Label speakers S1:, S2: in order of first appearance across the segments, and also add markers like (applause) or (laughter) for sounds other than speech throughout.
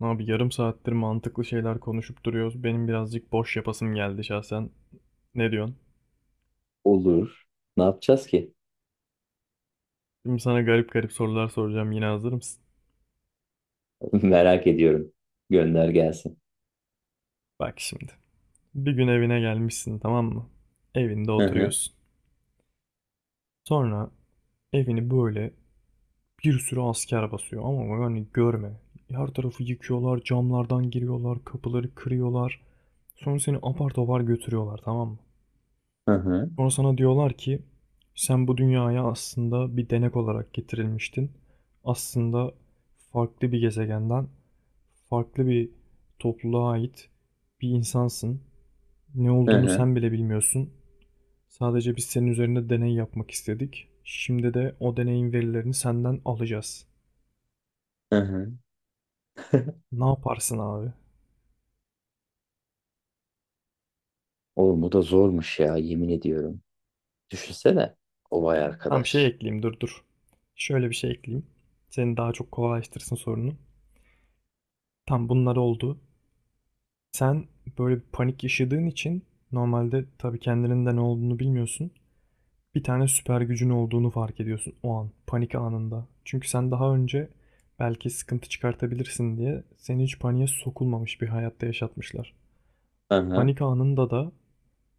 S1: Abi yarım saattir mantıklı şeyler konuşup duruyoruz. Benim birazcık boş yapasım geldi şahsen. Ne diyorsun?
S2: Olur. Ne yapacağız ki?
S1: Şimdi sana garip garip sorular soracağım. Yine hazır mısın?
S2: (laughs) Merak ediyorum. Gönder gelsin.
S1: Bak şimdi. Bir gün evine gelmişsin, tamam mı? Evinde
S2: Hı hı.
S1: oturuyorsun. Sonra evini böyle bir sürü asker basıyor ama yani görme. Her tarafı yıkıyorlar, camlardan giriyorlar, kapıları kırıyorlar. Sonra seni apar topar götürüyorlar, tamam mı?
S2: Hı hı.
S1: Sonra sana diyorlar ki sen bu dünyaya aslında bir denek olarak getirilmiştin. Aslında farklı bir gezegenden, farklı bir topluluğa ait bir insansın. Ne
S2: Hı
S1: olduğunu
S2: hı.
S1: sen bile bilmiyorsun. Sadece biz senin üzerinde deney yapmak istedik. Şimdi de o deneyin verilerini senden alacağız.
S2: Hı hı. (laughs)
S1: Ne yaparsın abi?
S2: Oğlum bu da zormuş ya yemin ediyorum. Düşünsene o vay
S1: Tam şey
S2: arkadaş.
S1: ekleyeyim, dur dur. Şöyle bir şey ekleyeyim. Seni daha çok kolaylaştırsın sorunu. Tam bunlar oldu. Sen böyle bir panik yaşadığın için normalde tabii kendinin de ne olduğunu bilmiyorsun. Bir tane süper gücün olduğunu fark ediyorsun o an, panik anında. Çünkü sen daha önce belki sıkıntı çıkartabilirsin diye seni hiç paniğe sokulmamış bir hayatta yaşatmışlar.
S2: Hı hı.
S1: Panik anında da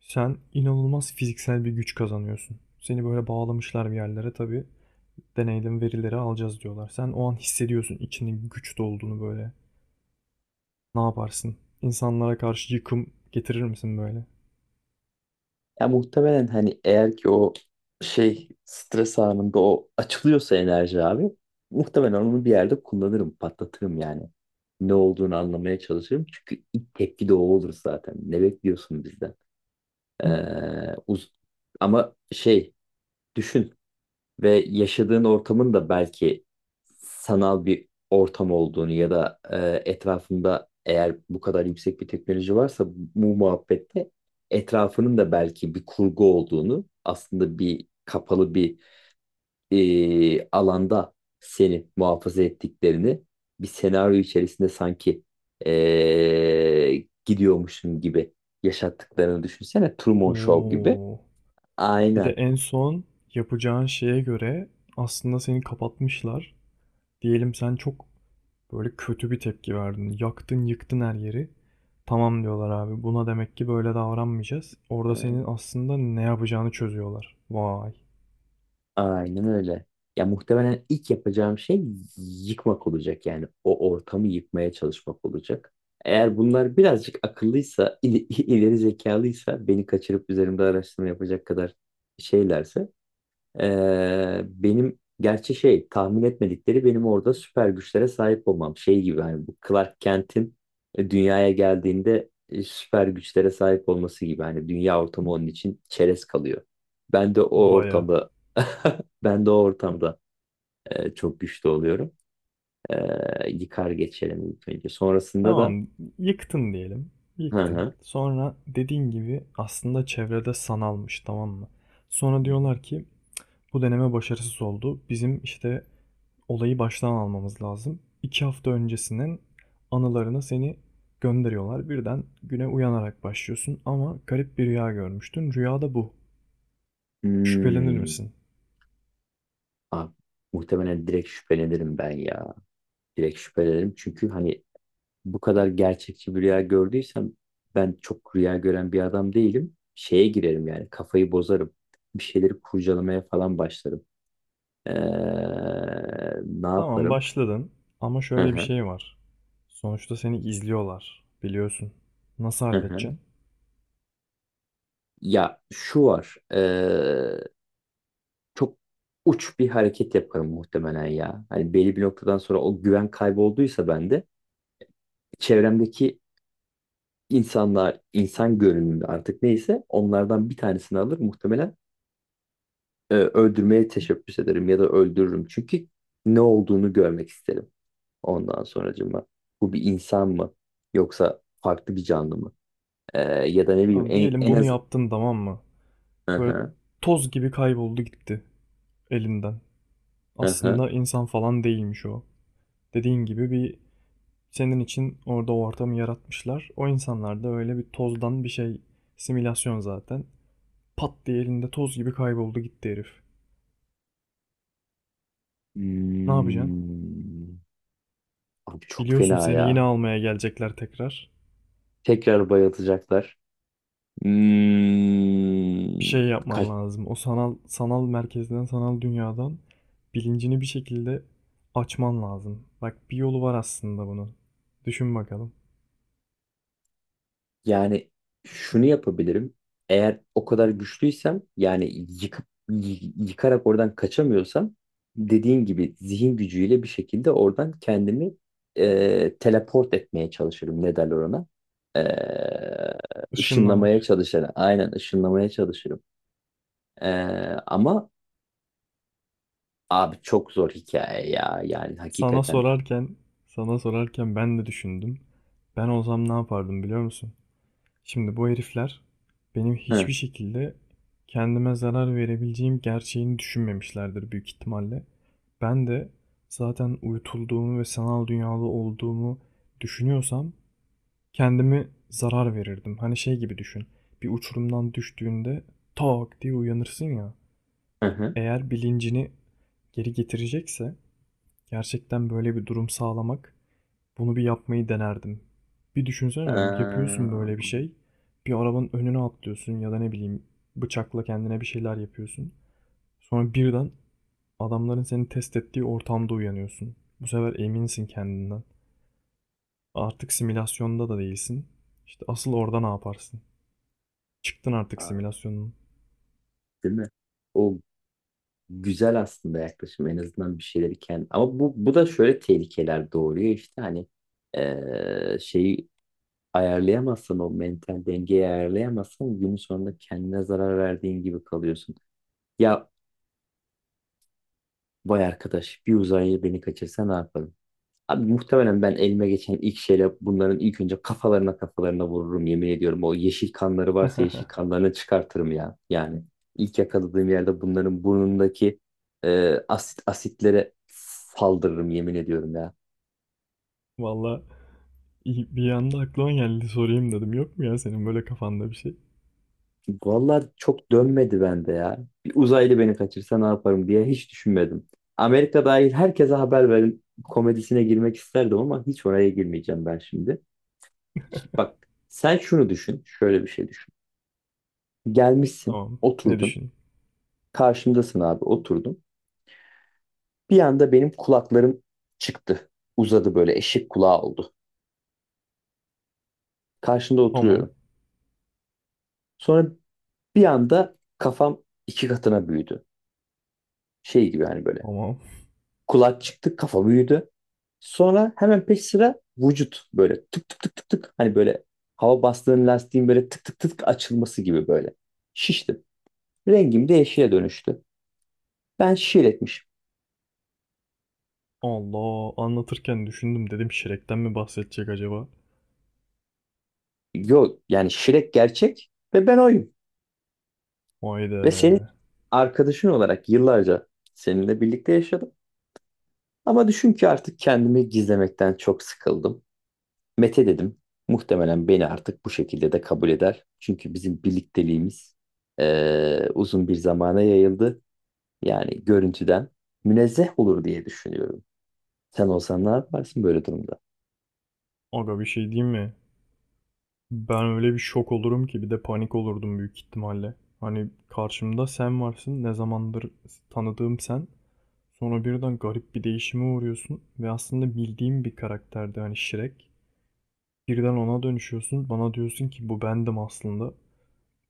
S1: sen inanılmaz fiziksel bir güç kazanıyorsun. Seni böyle bağlamışlar bir yerlere tabii. Deneyden verileri alacağız diyorlar. Sen o an hissediyorsun içinde güç dolduğunu böyle. Ne yaparsın? İnsanlara karşı yıkım getirir misin böyle?
S2: Ya muhtemelen hani eğer ki o şey stres anında o açılıyorsa enerji abi muhtemelen onu bir yerde kullanırım, patlatırım yani. Ne olduğunu anlamaya çalışırım. Çünkü ilk tepki de o olur zaten. Ne bekliyorsun bizden? Ee, uz- ama şey düşün. Ve yaşadığın ortamın da belki sanal bir ortam olduğunu ya da etrafında eğer bu kadar yüksek bir teknoloji varsa bu muhabbette etrafının da belki bir kurgu olduğunu aslında bir kapalı bir alanda seni muhafaza ettiklerini bir senaryo içerisinde sanki gidiyormuşsun gibi yaşattıklarını düşünsene Truman Show gibi.
S1: Oo. Bir de
S2: Aynen.
S1: en son yapacağın şeye göre aslında seni kapatmışlar. Diyelim sen çok böyle kötü bir tepki verdin. Yaktın, yıktın her yeri. Tamam diyorlar abi. Buna demek ki böyle davranmayacağız. Orada senin aslında ne yapacağını çözüyorlar. Vay.
S2: Aynen öyle. Ya muhtemelen ilk yapacağım şey yıkmak olacak yani o ortamı yıkmaya çalışmak olacak. Eğer bunlar birazcık akıllıysa, (laughs) ileri zekalıysa beni kaçırıp üzerimde araştırma yapacak kadar şeylerse benim gerçi şey tahmin etmedikleri benim orada süper güçlere sahip olmam. Şey gibi hani bu Clark Kent'in dünyaya geldiğinde süper güçlere sahip olması gibi hani dünya ortamı onun için çerez kalıyor. Ben de o
S1: Baya.
S2: ortamda (laughs) ben de o ortamda çok güçlü oluyorum. Yıkar geçerim ilk önce. Sonrasında da
S1: Tamam, yıktın diyelim.
S2: hı
S1: Yıktın.
S2: hı.
S1: Sonra dediğin gibi aslında çevrede sanalmış, tamam mı? Sonra diyorlar ki bu deneme başarısız oldu. Bizim işte olayı baştan almamız lazım. 2 hafta öncesinin anılarına seni gönderiyorlar. Birden güne uyanarak başlıyorsun ama garip bir rüya görmüştün. Rüya da bu. Şüphelenir
S2: Hmm.
S1: misin?
S2: Abi, muhtemelen direkt şüphelenirim ben ya. Direkt şüphelenirim çünkü hani bu kadar gerçekçi bir rüya gördüysem ben çok rüya gören bir adam değilim. Şeye girerim yani kafayı bozarım. Bir şeyleri kurcalamaya falan başlarım. Ee, ne
S1: Tamam
S2: yaparım?
S1: başladın ama
S2: Hı
S1: şöyle bir
S2: hı,
S1: şey var. Sonuçta seni izliyorlar. Biliyorsun. Nasıl
S2: hı hı.
S1: halledeceksin?
S2: Ya şu var. Çok uç bir hareket yaparım muhtemelen ya. Hani belli bir noktadan sonra o güven kaybolduysa bende çevremdeki insanlar, insan görünümü artık neyse onlardan bir tanesini alır muhtemelen öldürmeye teşebbüs ederim ya da öldürürüm. Çünkü ne olduğunu görmek isterim ondan sonracığıma. Bu bir insan mı yoksa farklı bir canlı mı? E, ya da ne bileyim
S1: Tamam, diyelim
S2: en
S1: bunu
S2: az...
S1: yaptın, tamam mı? Böyle
S2: Aha,
S1: toz gibi kayboldu gitti elinden.
S2: aha.
S1: Aslında insan falan değilmiş o. Dediğin gibi bir senin için orada o ortamı yaratmışlar. O insanlar da öyle bir tozdan bir şey, simülasyon zaten. Pat diye elinde toz gibi kayboldu gitti herif. Ne yapacaksın?
S2: Hmm. Abi çok
S1: Biliyorsun
S2: fena
S1: seni yine
S2: ya.
S1: almaya gelecekler tekrar.
S2: Tekrar bayıltacaklar.
S1: Bir
S2: Hmm.
S1: şey
S2: Kaç,
S1: yapman lazım. O sanal sanal merkezden, sanal dünyadan bilincini bir şekilde açman lazım. Bak bir yolu var aslında bunun. Düşün bakalım.
S2: yani şunu yapabilirim. Eğer o kadar güçlüysem yani yıkıp yıkarak oradan kaçamıyorsam dediğin gibi zihin gücüyle bir şekilde oradan kendimi teleport etmeye çalışırım. Ne derler ona? E, ışınlamaya
S1: Işınlamak.
S2: çalışırım. Aynen ışınlamaya çalışırım. E, ama abi çok zor hikaye ya. Yani
S1: Sana
S2: hakikaten.
S1: sorarken, sana sorarken, ben de düşündüm. Ben olsam ne yapardım biliyor musun? Şimdi bu herifler benim hiçbir
S2: Hı
S1: şekilde kendime zarar verebileceğim gerçeğini düşünmemişlerdir büyük ihtimalle. Ben de zaten uyutulduğumu ve sanal dünyalı olduğumu düşünüyorsam kendime zarar verirdim. Hani şey gibi düşün. Bir uçurumdan düştüğünde tak diye uyanırsın ya.
S2: hı. Hı.
S1: Eğer bilincini geri getirecekse gerçekten böyle bir durum sağlamak, bunu bir yapmayı denerdim. Bir
S2: Ee,
S1: düşünsene, yapıyorsun böyle bir şey. Bir arabanın önüne atlıyorsun ya da ne bileyim bıçakla kendine bir şeyler yapıyorsun. Sonra birden adamların seni test ettiği ortamda uyanıyorsun. Bu sefer eminsin kendinden. Artık simülasyonda da değilsin. İşte asıl orada ne yaparsın? Çıktın artık simülasyonun.
S2: değil mi? O güzel aslında yaklaşım en azından bir şeyleri kendi ama bu da şöyle tehlikeler doğuruyor işte hani şeyi ayarlayamazsan o mental dengeyi ayarlayamazsan günün sonunda kendine zarar verdiğin gibi kalıyorsun. Ya vay arkadaş bir uzaylı beni kaçırsa ne yaparım? Abi muhtemelen ben elime geçen ilk şeyle bunların ilk önce kafalarına kafalarına vururum yemin ediyorum. O yeşil kanları varsa yeşil
S1: (laughs)
S2: kanlarını çıkartırım ya. Yani ilk yakaladığım yerde bunların burnundaki asit asitlere saldırırım yemin ediyorum ya.
S1: Valla bir anda aklıma geldi sorayım dedim. Yok mu ya senin böyle kafanda bir şey?
S2: Vallahi çok dönmedi bende ya. Bir uzaylı beni kaçırsa ne yaparım diye hiç düşünmedim. Amerika dahil herkese haber verin komedisine girmek isterdim ama hiç oraya girmeyeceğim ben şimdi. Bak sen şunu düşün, şöyle bir şey düşün. Gelmişsin,
S1: Tamam. Ne
S2: oturdun.
S1: düşün?
S2: Karşımdasın abi, oturdum. Bir anda benim kulaklarım çıktı. Uzadı böyle eşek kulağı oldu. Karşında
S1: Tamam.
S2: oturuyorum. Sonra bir anda kafam iki katına büyüdü. Şey gibi hani böyle.
S1: Tamam.
S2: Kulak çıktı, kafa büyüdü. Sonra hemen peş sıra vücut böyle tık tık tık tık tık. Hani böyle hava bastığın lastiğin böyle tık tık tık açılması gibi böyle. Şiştim. Rengim de yeşile dönüştü. Ben şiir etmişim.
S1: Allah, anlatırken düşündüm dedim Shrek'ten mi bahsedecek acaba?
S2: Yok yani şirek gerçek ve ben oyum.
S1: Vay be.
S2: Ve senin arkadaşın olarak yıllarca seninle birlikte yaşadım. Ama düşün ki artık kendimi gizlemekten çok sıkıldım. Mete dedim. Muhtemelen beni artık bu şekilde de kabul eder. Çünkü bizim birlikteliğimiz uzun bir zamana yayıldı. Yani görüntüden münezzeh olur diye düşünüyorum. Sen olsan ne yaparsın böyle durumda?
S1: Aga bir şey diyeyim mi? Ben öyle bir şok olurum ki bir de panik olurdum büyük ihtimalle. Hani karşımda sen varsın, ne zamandır tanıdığım sen. Sonra birden garip bir değişime uğruyorsun ve aslında bildiğim bir karakterdi hani Shrek. Birden ona dönüşüyorsun, bana diyorsun ki bu bendim aslında.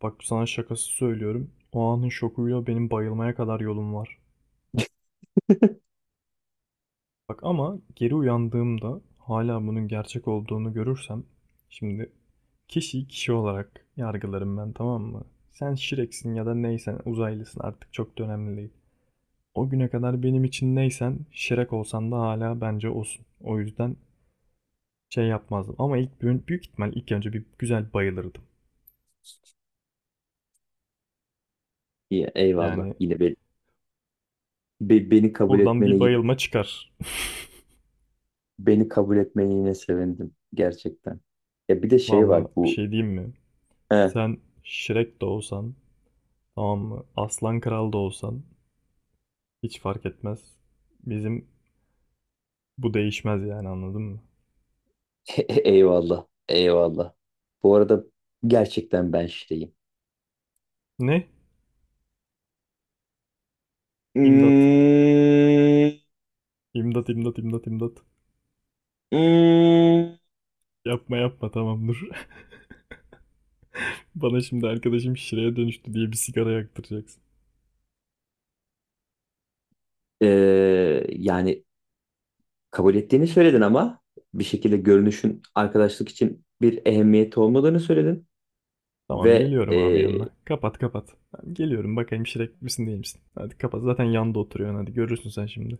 S1: Bak sana şakası söylüyorum. O anın şokuyla benim bayılmaya kadar yolum var.
S2: (laughs)
S1: Bak ama geri uyandığımda hala bunun gerçek olduğunu görürsem, şimdi kişiyi kişi olarak yargılarım ben, tamam mı? Sen Shrek'sin ya da neysen, uzaylısın, artık çok da önemli değil. O güne kadar benim için neysen, Shrek olsan da hala bence olsun. O yüzden şey yapmazdım ama ilk büyük, büyük ihtimal ilk önce bir güzel bayılırdım.
S2: İyi, eyvallah.
S1: Yani
S2: Yine beni kabul
S1: buradan
S2: etmene
S1: bir
S2: yine
S1: bayılma çıkar.
S2: beni kabul etmene yine sevindim gerçekten. Ya bir de
S1: (laughs)
S2: şey var
S1: Vallahi bir
S2: bu.
S1: şey diyeyim mi?
S2: He,
S1: Sen Shrek de olsan, tamam mı? Aslan Kral da olsan hiç fark etmez. Bizim bu değişmez yani, anladın mı?
S2: (laughs) eyvallah. Eyvallah. Bu arada gerçekten ben şeyim.
S1: Ne? İmdat.
S2: Hmm,
S1: İmdat, imdat, imdat, imdat.
S2: hmm.
S1: Yapma yapma tamam dur. (laughs) Bana şimdi arkadaşım şireye dönüştü diye bir sigara yaktıracaksın.
S2: Ee, yani kabul ettiğini söyledin ama bir şekilde görünüşün arkadaşlık için bir ehemmiyeti olmadığını söyledin
S1: Tamam
S2: ve
S1: geliyorum abi yanına. Kapat kapat. Tamam, geliyorum bakayım şirek misin değil misin? Hadi kapat, zaten yanda oturuyorsun, hadi görürsün sen şimdi.